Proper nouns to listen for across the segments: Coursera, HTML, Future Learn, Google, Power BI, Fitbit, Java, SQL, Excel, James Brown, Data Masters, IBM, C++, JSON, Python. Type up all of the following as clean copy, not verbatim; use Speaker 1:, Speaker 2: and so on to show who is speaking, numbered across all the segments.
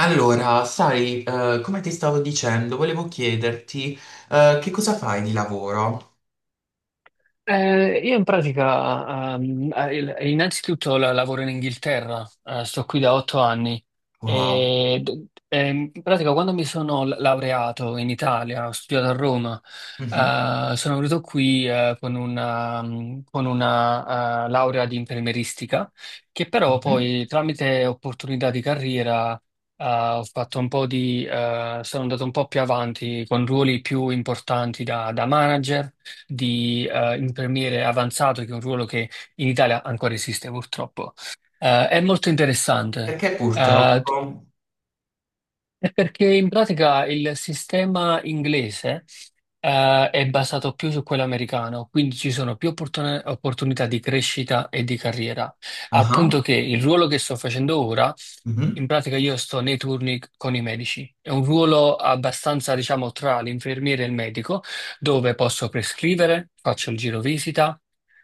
Speaker 1: Allora, sai, come ti stavo dicendo, volevo chiederti, che cosa fai di lavoro?
Speaker 2: Io in pratica, innanzitutto lavoro in Inghilterra, sto qui da 8 anni
Speaker 1: Wow.
Speaker 2: e in pratica quando mi sono laureato in Italia, ho studiato a Roma,
Speaker 1: Mhm,
Speaker 2: sono venuto qui con una laurea di infermieristica che però
Speaker 1: mhm.
Speaker 2: poi tramite opportunità di carriera ho fatto un po' di, sono andato un po' più avanti con ruoli più importanti da manager di infermiere avanzato, che è un ruolo che in Italia ancora esiste purtroppo. È molto interessante.
Speaker 1: Perché
Speaker 2: eh,
Speaker 1: purtroppo...
Speaker 2: è perché in pratica il sistema inglese è basato più su quello americano, quindi ci sono più opportunità di crescita e di carriera, al punto
Speaker 1: Ah,
Speaker 2: che il ruolo che sto facendo ora in
Speaker 1: mhm.
Speaker 2: pratica io sto nei turni con i medici. È un ruolo abbastanza, diciamo, tra l'infermiere e il medico, dove posso prescrivere, faccio il giro visita.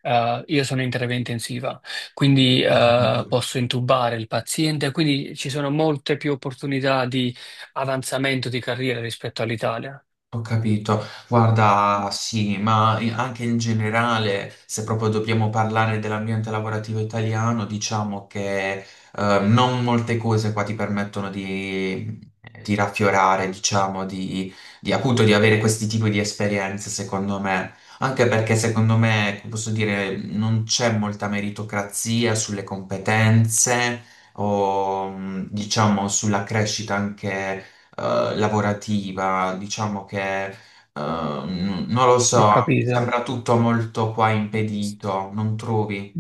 Speaker 2: Io sono in terapia intensiva, quindi posso intubare il paziente, quindi ci sono molte più opportunità di avanzamento di carriera rispetto all'Italia.
Speaker 1: Ho capito, guarda, sì, ma anche in generale, se proprio dobbiamo parlare dell'ambiente lavorativo italiano, diciamo che non molte cose qua ti permettono di raffiorare, diciamo, appunto di avere questi tipi di esperienze, secondo me. Anche perché secondo me, posso dire, non c'è molta meritocrazia sulle competenze o, diciamo, sulla crescita anche lavorativa, diciamo che non lo so,
Speaker 2: Ho
Speaker 1: no. Mi
Speaker 2: capito.
Speaker 1: sembra tutto molto qua impedito, non trovi?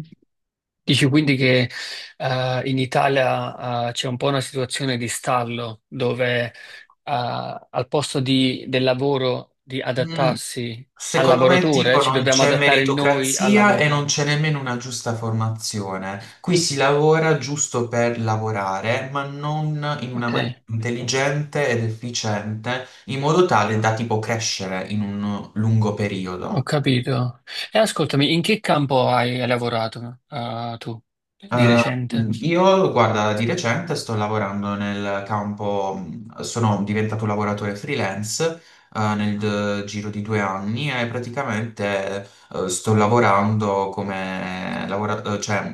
Speaker 2: Dici quindi che in Italia c'è un po' una situazione di stallo dove al posto del lavoro di
Speaker 1: Mm,
Speaker 2: adattarsi al
Speaker 1: secondo me,
Speaker 2: lavoratore,
Speaker 1: tipo,
Speaker 2: ci
Speaker 1: non
Speaker 2: dobbiamo
Speaker 1: c'è
Speaker 2: adattare noi al
Speaker 1: meritocrazia e non
Speaker 2: lavoro.
Speaker 1: c'è nemmeno una giusta formazione. Qui si lavora giusto per lavorare, ma non in una
Speaker 2: Ok,
Speaker 1: maniera intelligente ed efficiente, in modo tale da tipo crescere in un lungo
Speaker 2: ho
Speaker 1: periodo.
Speaker 2: capito. E ascoltami, in che campo hai lavorato tu di
Speaker 1: Eh,
Speaker 2: recente?
Speaker 1: io, guarda, di recente sto lavorando nel campo, sono diventato un lavoratore freelance, nel giro di 2 anni e praticamente, sto lavorando come cioè,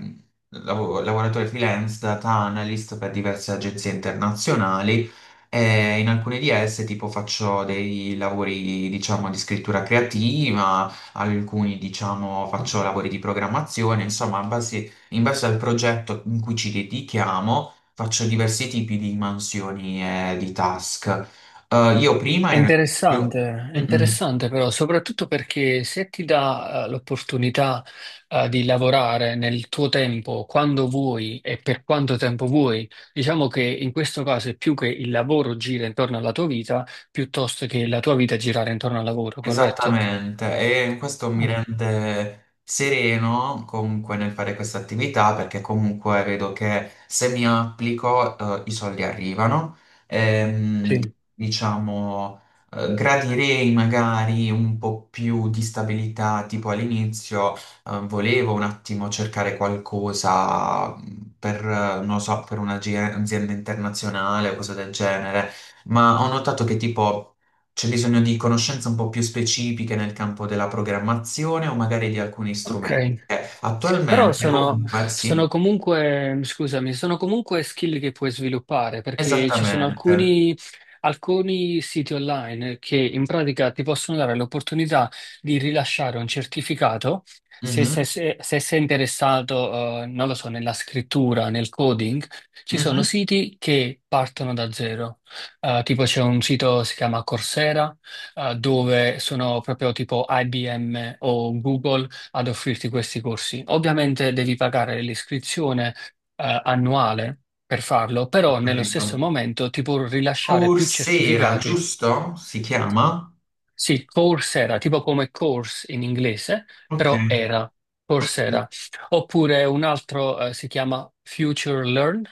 Speaker 1: lavoratore freelance, data analyst per diverse agenzie internazionali e in alcune di esse tipo faccio dei lavori, diciamo, di scrittura creativa, alcuni diciamo faccio lavori di programmazione, insomma, in base al progetto in cui ci dedichiamo, faccio diversi tipi di mansioni e di task. Io prima ero. io-
Speaker 2: È
Speaker 1: Mm, mm.
Speaker 2: interessante però, soprattutto perché se ti dà l'opportunità di lavorare nel tuo tempo, quando vuoi e per quanto tempo vuoi, diciamo che in questo caso è più che il lavoro gira intorno alla tua vita, piuttosto che la tua vita girare intorno al lavoro, corretto?
Speaker 1: Esattamente, e questo mi
Speaker 2: Mm,
Speaker 1: rende sereno comunque nel fare questa attività perché comunque vedo che se mi applico, i soldi arrivano. Ehm,
Speaker 2: sì.
Speaker 1: diciamo, gradirei magari un po' più di stabilità, tipo all'inizio volevo un attimo cercare qualcosa, per, non lo so, per un'azienda internazionale o cose del genere, ma ho notato che tipo. C'è bisogno di conoscenze un po' più specifiche nel campo della programmazione o magari di alcuni strumenti.
Speaker 2: Ok. Però
Speaker 1: Attualmente, comunque, sì,
Speaker 2: sono comunque skill che puoi sviluppare perché ci sono
Speaker 1: esattamente.
Speaker 2: alcuni siti online che in pratica ti possono dare l'opportunità di rilasciare un certificato se, se-
Speaker 1: Mhm,
Speaker 2: se- se sei interessato, non lo so, nella scrittura, nel coding. Ci sono
Speaker 1: mhm,
Speaker 2: siti che partono da zero. Tipo c'è un sito, si chiama Coursera, dove sono proprio tipo IBM o Google ad offrirti questi corsi. Ovviamente devi pagare l'iscrizione annuale per farlo,
Speaker 1: ho
Speaker 2: però nello
Speaker 1: capito.
Speaker 2: stesso momento ti può rilasciare più
Speaker 1: Coursera,
Speaker 2: certificati.
Speaker 1: giusto? Si chiama?
Speaker 2: Sì, Coursera, tipo come course in inglese,
Speaker 1: Ok.
Speaker 2: però era
Speaker 1: Ok.
Speaker 2: Coursera. Oppure un altro si chiama Future Learn,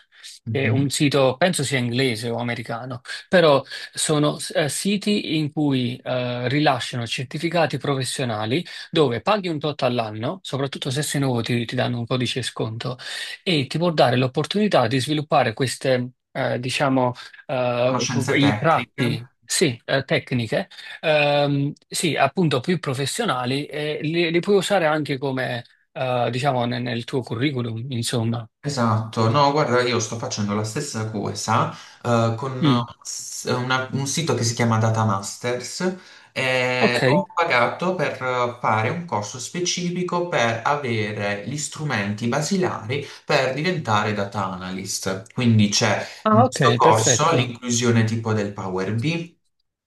Speaker 2: che è
Speaker 1: Mhm.
Speaker 2: un sito, penso sia inglese o americano, però sono siti in cui rilasciano certificati professionali dove paghi un tot all'anno, soprattutto se sei nuovo ti danno un codice sconto e ti può dare l'opportunità di sviluppare queste, diciamo, eh,
Speaker 1: Conoscenze
Speaker 2: i
Speaker 1: tecniche.
Speaker 2: tratti, sì, tecniche. Sì, appunto più professionali e li puoi usare anche come, diciamo, nel tuo curriculum, insomma.
Speaker 1: Esatto, no, guarda, io sto facendo la stessa cosa con
Speaker 2: Mm.
Speaker 1: un sito che si chiama Data Masters e
Speaker 2: Ok,
Speaker 1: ho pagato per fare un corso specifico per avere gli strumenti basilari per diventare data analyst. Quindi c'è, in
Speaker 2: ah,
Speaker 1: questo
Speaker 2: ok,
Speaker 1: corso,
Speaker 2: perfetto.
Speaker 1: l'inclusione tipo del Power BI,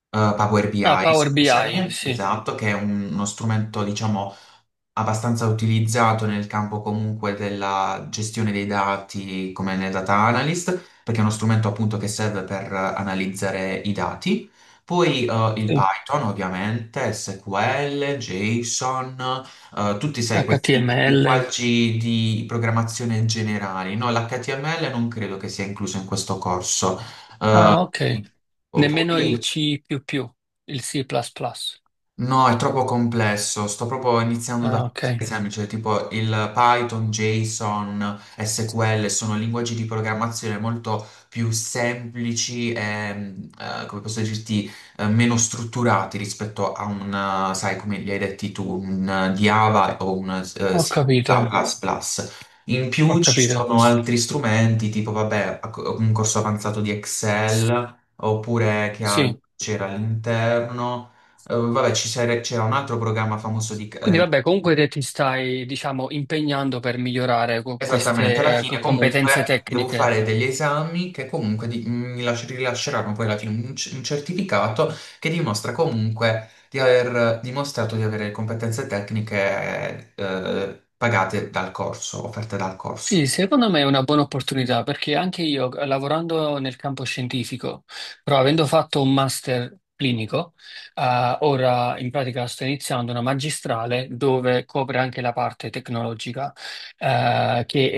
Speaker 1: Power
Speaker 2: Ah,
Speaker 1: BI,
Speaker 2: Power BI,
Speaker 1: scusami,
Speaker 2: sì,
Speaker 1: esatto, che è uno strumento, diciamo, abbastanza utilizzato nel campo comunque della gestione dei dati come nel data analyst, perché è uno strumento appunto che serve per analizzare i dati. Poi il
Speaker 2: sì.
Speaker 1: Python, ovviamente, SQL, JSON, tutti, sai, questi
Speaker 2: HTML.
Speaker 1: linguaggi di programmazione generali. No, l'HTML non credo che sia incluso in questo corso.
Speaker 2: Ah, ok.
Speaker 1: Mm.
Speaker 2: Nemmeno il
Speaker 1: Poi.
Speaker 2: C++, più più, il C++, plus plus.
Speaker 1: No, è troppo complesso. Sto proprio iniziando da
Speaker 2: Ah,
Speaker 1: cose
Speaker 2: ok,
Speaker 1: semplici, tipo il Python, JSON, SQL, sono linguaggi di programmazione molto più semplici e, come posso dirti, meno strutturati rispetto a un, sai, come li hai detti tu, un Java o un
Speaker 2: ho
Speaker 1: sì,
Speaker 2: capito,
Speaker 1: C++. In
Speaker 2: ho
Speaker 1: più ci
Speaker 2: capito.
Speaker 1: sono altri strumenti, tipo, vabbè, un corso avanzato di Excel, oppure che altro
Speaker 2: Sì.
Speaker 1: c'era all'interno. Vabbè, c'era un altro programma famoso di.
Speaker 2: Quindi vabbè, comunque te ti stai, diciamo, impegnando per migliorare
Speaker 1: Esattamente, alla
Speaker 2: queste
Speaker 1: fine
Speaker 2: competenze
Speaker 1: comunque devo
Speaker 2: tecniche.
Speaker 1: fare degli esami che comunque rilasceranno poi alla fine un certificato che dimostra comunque di aver dimostrato di avere competenze tecniche, pagate dal corso, offerte dal corso.
Speaker 2: Sì, secondo me è una buona opportunità perché anche io, lavorando nel campo scientifico, però avendo fatto un master clinico, ora in pratica sto iniziando una magistrale dove copre anche la parte tecnologica, eh, che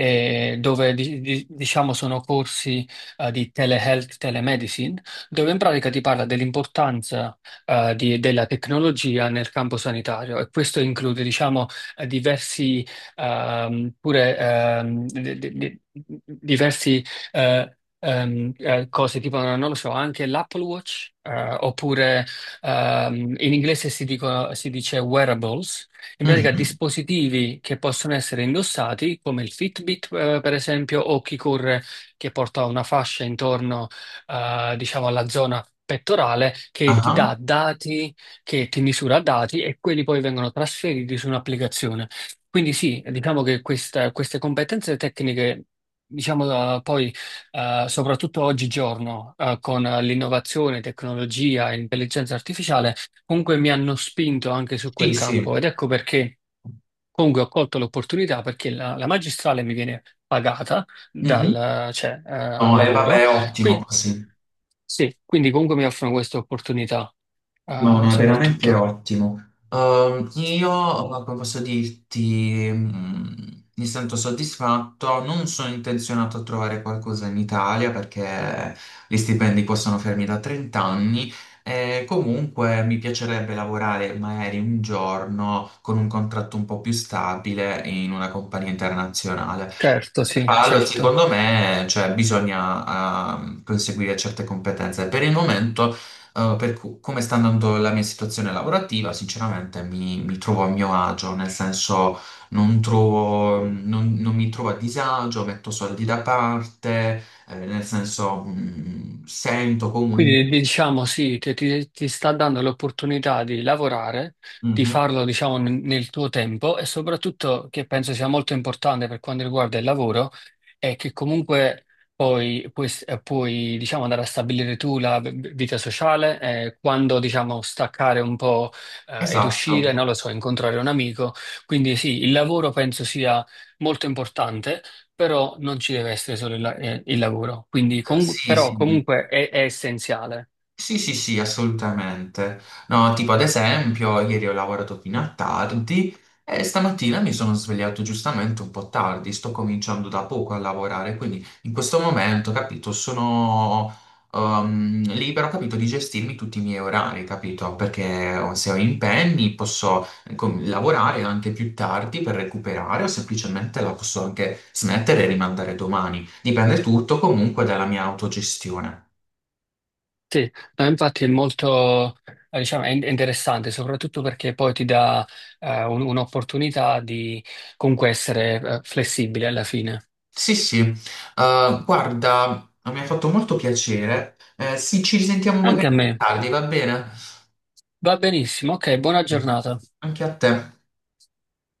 Speaker 2: è- dove diciamo sono corsi, di telehealth, telemedicine, dove in pratica ti parla dell'importanza, della tecnologia nel campo sanitario e questo include, diciamo, diversi, pure, diversi, cose, tipo, non lo so, anche l'Apple Watch, oppure, in inglese si dice wearables, in pratica
Speaker 1: Mhm.
Speaker 2: dispositivi che possono essere indossati, come il Fitbit, per esempio, o chi corre che porta una fascia intorno, diciamo, alla zona pettorale che ti
Speaker 1: Ah,
Speaker 2: dà dati, che ti misura dati e quelli poi vengono trasferiti su un'applicazione. Quindi sì, diciamo che queste competenze tecniche, diciamo, poi soprattutto oggigiorno con l'innovazione, tecnologia e intelligenza artificiale, comunque mi hanno spinto anche su quel
Speaker 1: sì, sì.
Speaker 2: campo ed ecco perché comunque ho colto l'opportunità perché la magistrale mi viene pagata
Speaker 1: Mhm.
Speaker 2: dal, cioè, al
Speaker 1: No, e
Speaker 2: lavoro.
Speaker 1: vabbè, ottimo
Speaker 2: Qui-
Speaker 1: così.
Speaker 2: sì, quindi comunque mi offrono questa opportunità
Speaker 1: No, no, è veramente
Speaker 2: soprattutto.
Speaker 1: ottimo. Io, come posso dirti, mi sento soddisfatto. Non sono intenzionato a trovare qualcosa in Italia perché gli stipendi possono fermi da 30 anni. E comunque mi piacerebbe lavorare magari un giorno con un contratto un po' più stabile in una compagnia internazionale.
Speaker 2: Certo, sì,
Speaker 1: Allora,
Speaker 2: certo.
Speaker 1: secondo me, cioè, bisogna conseguire certe competenze. Per il momento, come sta andando la mia situazione lavorativa, sinceramente mi trovo a mio agio, nel senso non mi trovo a disagio, metto soldi da parte, nel senso sento comunque.
Speaker 2: Quindi diciamo sì, che ti sta dando l'opportunità di lavorare, di
Speaker 1: Mhm,
Speaker 2: farlo diciamo nel tuo tempo e soprattutto che penso sia molto importante per quanto riguarda il lavoro è che comunque poi puoi, diciamo, andare a stabilire tu la vita sociale, quando diciamo staccare un po' ed uscire,
Speaker 1: esatto.
Speaker 2: non lo so, incontrare un amico. Quindi sì, il lavoro penso sia molto importante però non ci deve essere solo il lavoro, quindi
Speaker 1: Sì,
Speaker 2: però
Speaker 1: sì.
Speaker 2: comunque è essenziale.
Speaker 1: Sì, sì, sì, assolutamente. No, tipo ad esempio, ieri ho lavorato fino a tardi e stamattina mi sono svegliato giustamente un po' tardi, sto cominciando da poco a lavorare, quindi in questo momento, capito, sono libero, capito, di gestirmi tutti i miei orari, capito? Perché se ho impegni posso lavorare anche più tardi per recuperare o semplicemente la posso anche smettere e rimandare domani. Dipende tutto comunque dalla mia autogestione.
Speaker 2: Sì, no, infatti è molto, diciamo, è interessante, soprattutto perché poi ti dà un'opportunità di comunque essere flessibile alla fine.
Speaker 1: Sì, sì, guarda, mi ha fatto molto piacere. Sì, ci risentiamo
Speaker 2: Anche a
Speaker 1: magari
Speaker 2: me.
Speaker 1: tardi, va bene?
Speaker 2: Va benissimo, ok, buona
Speaker 1: Sì.
Speaker 2: giornata.
Speaker 1: Anche a te.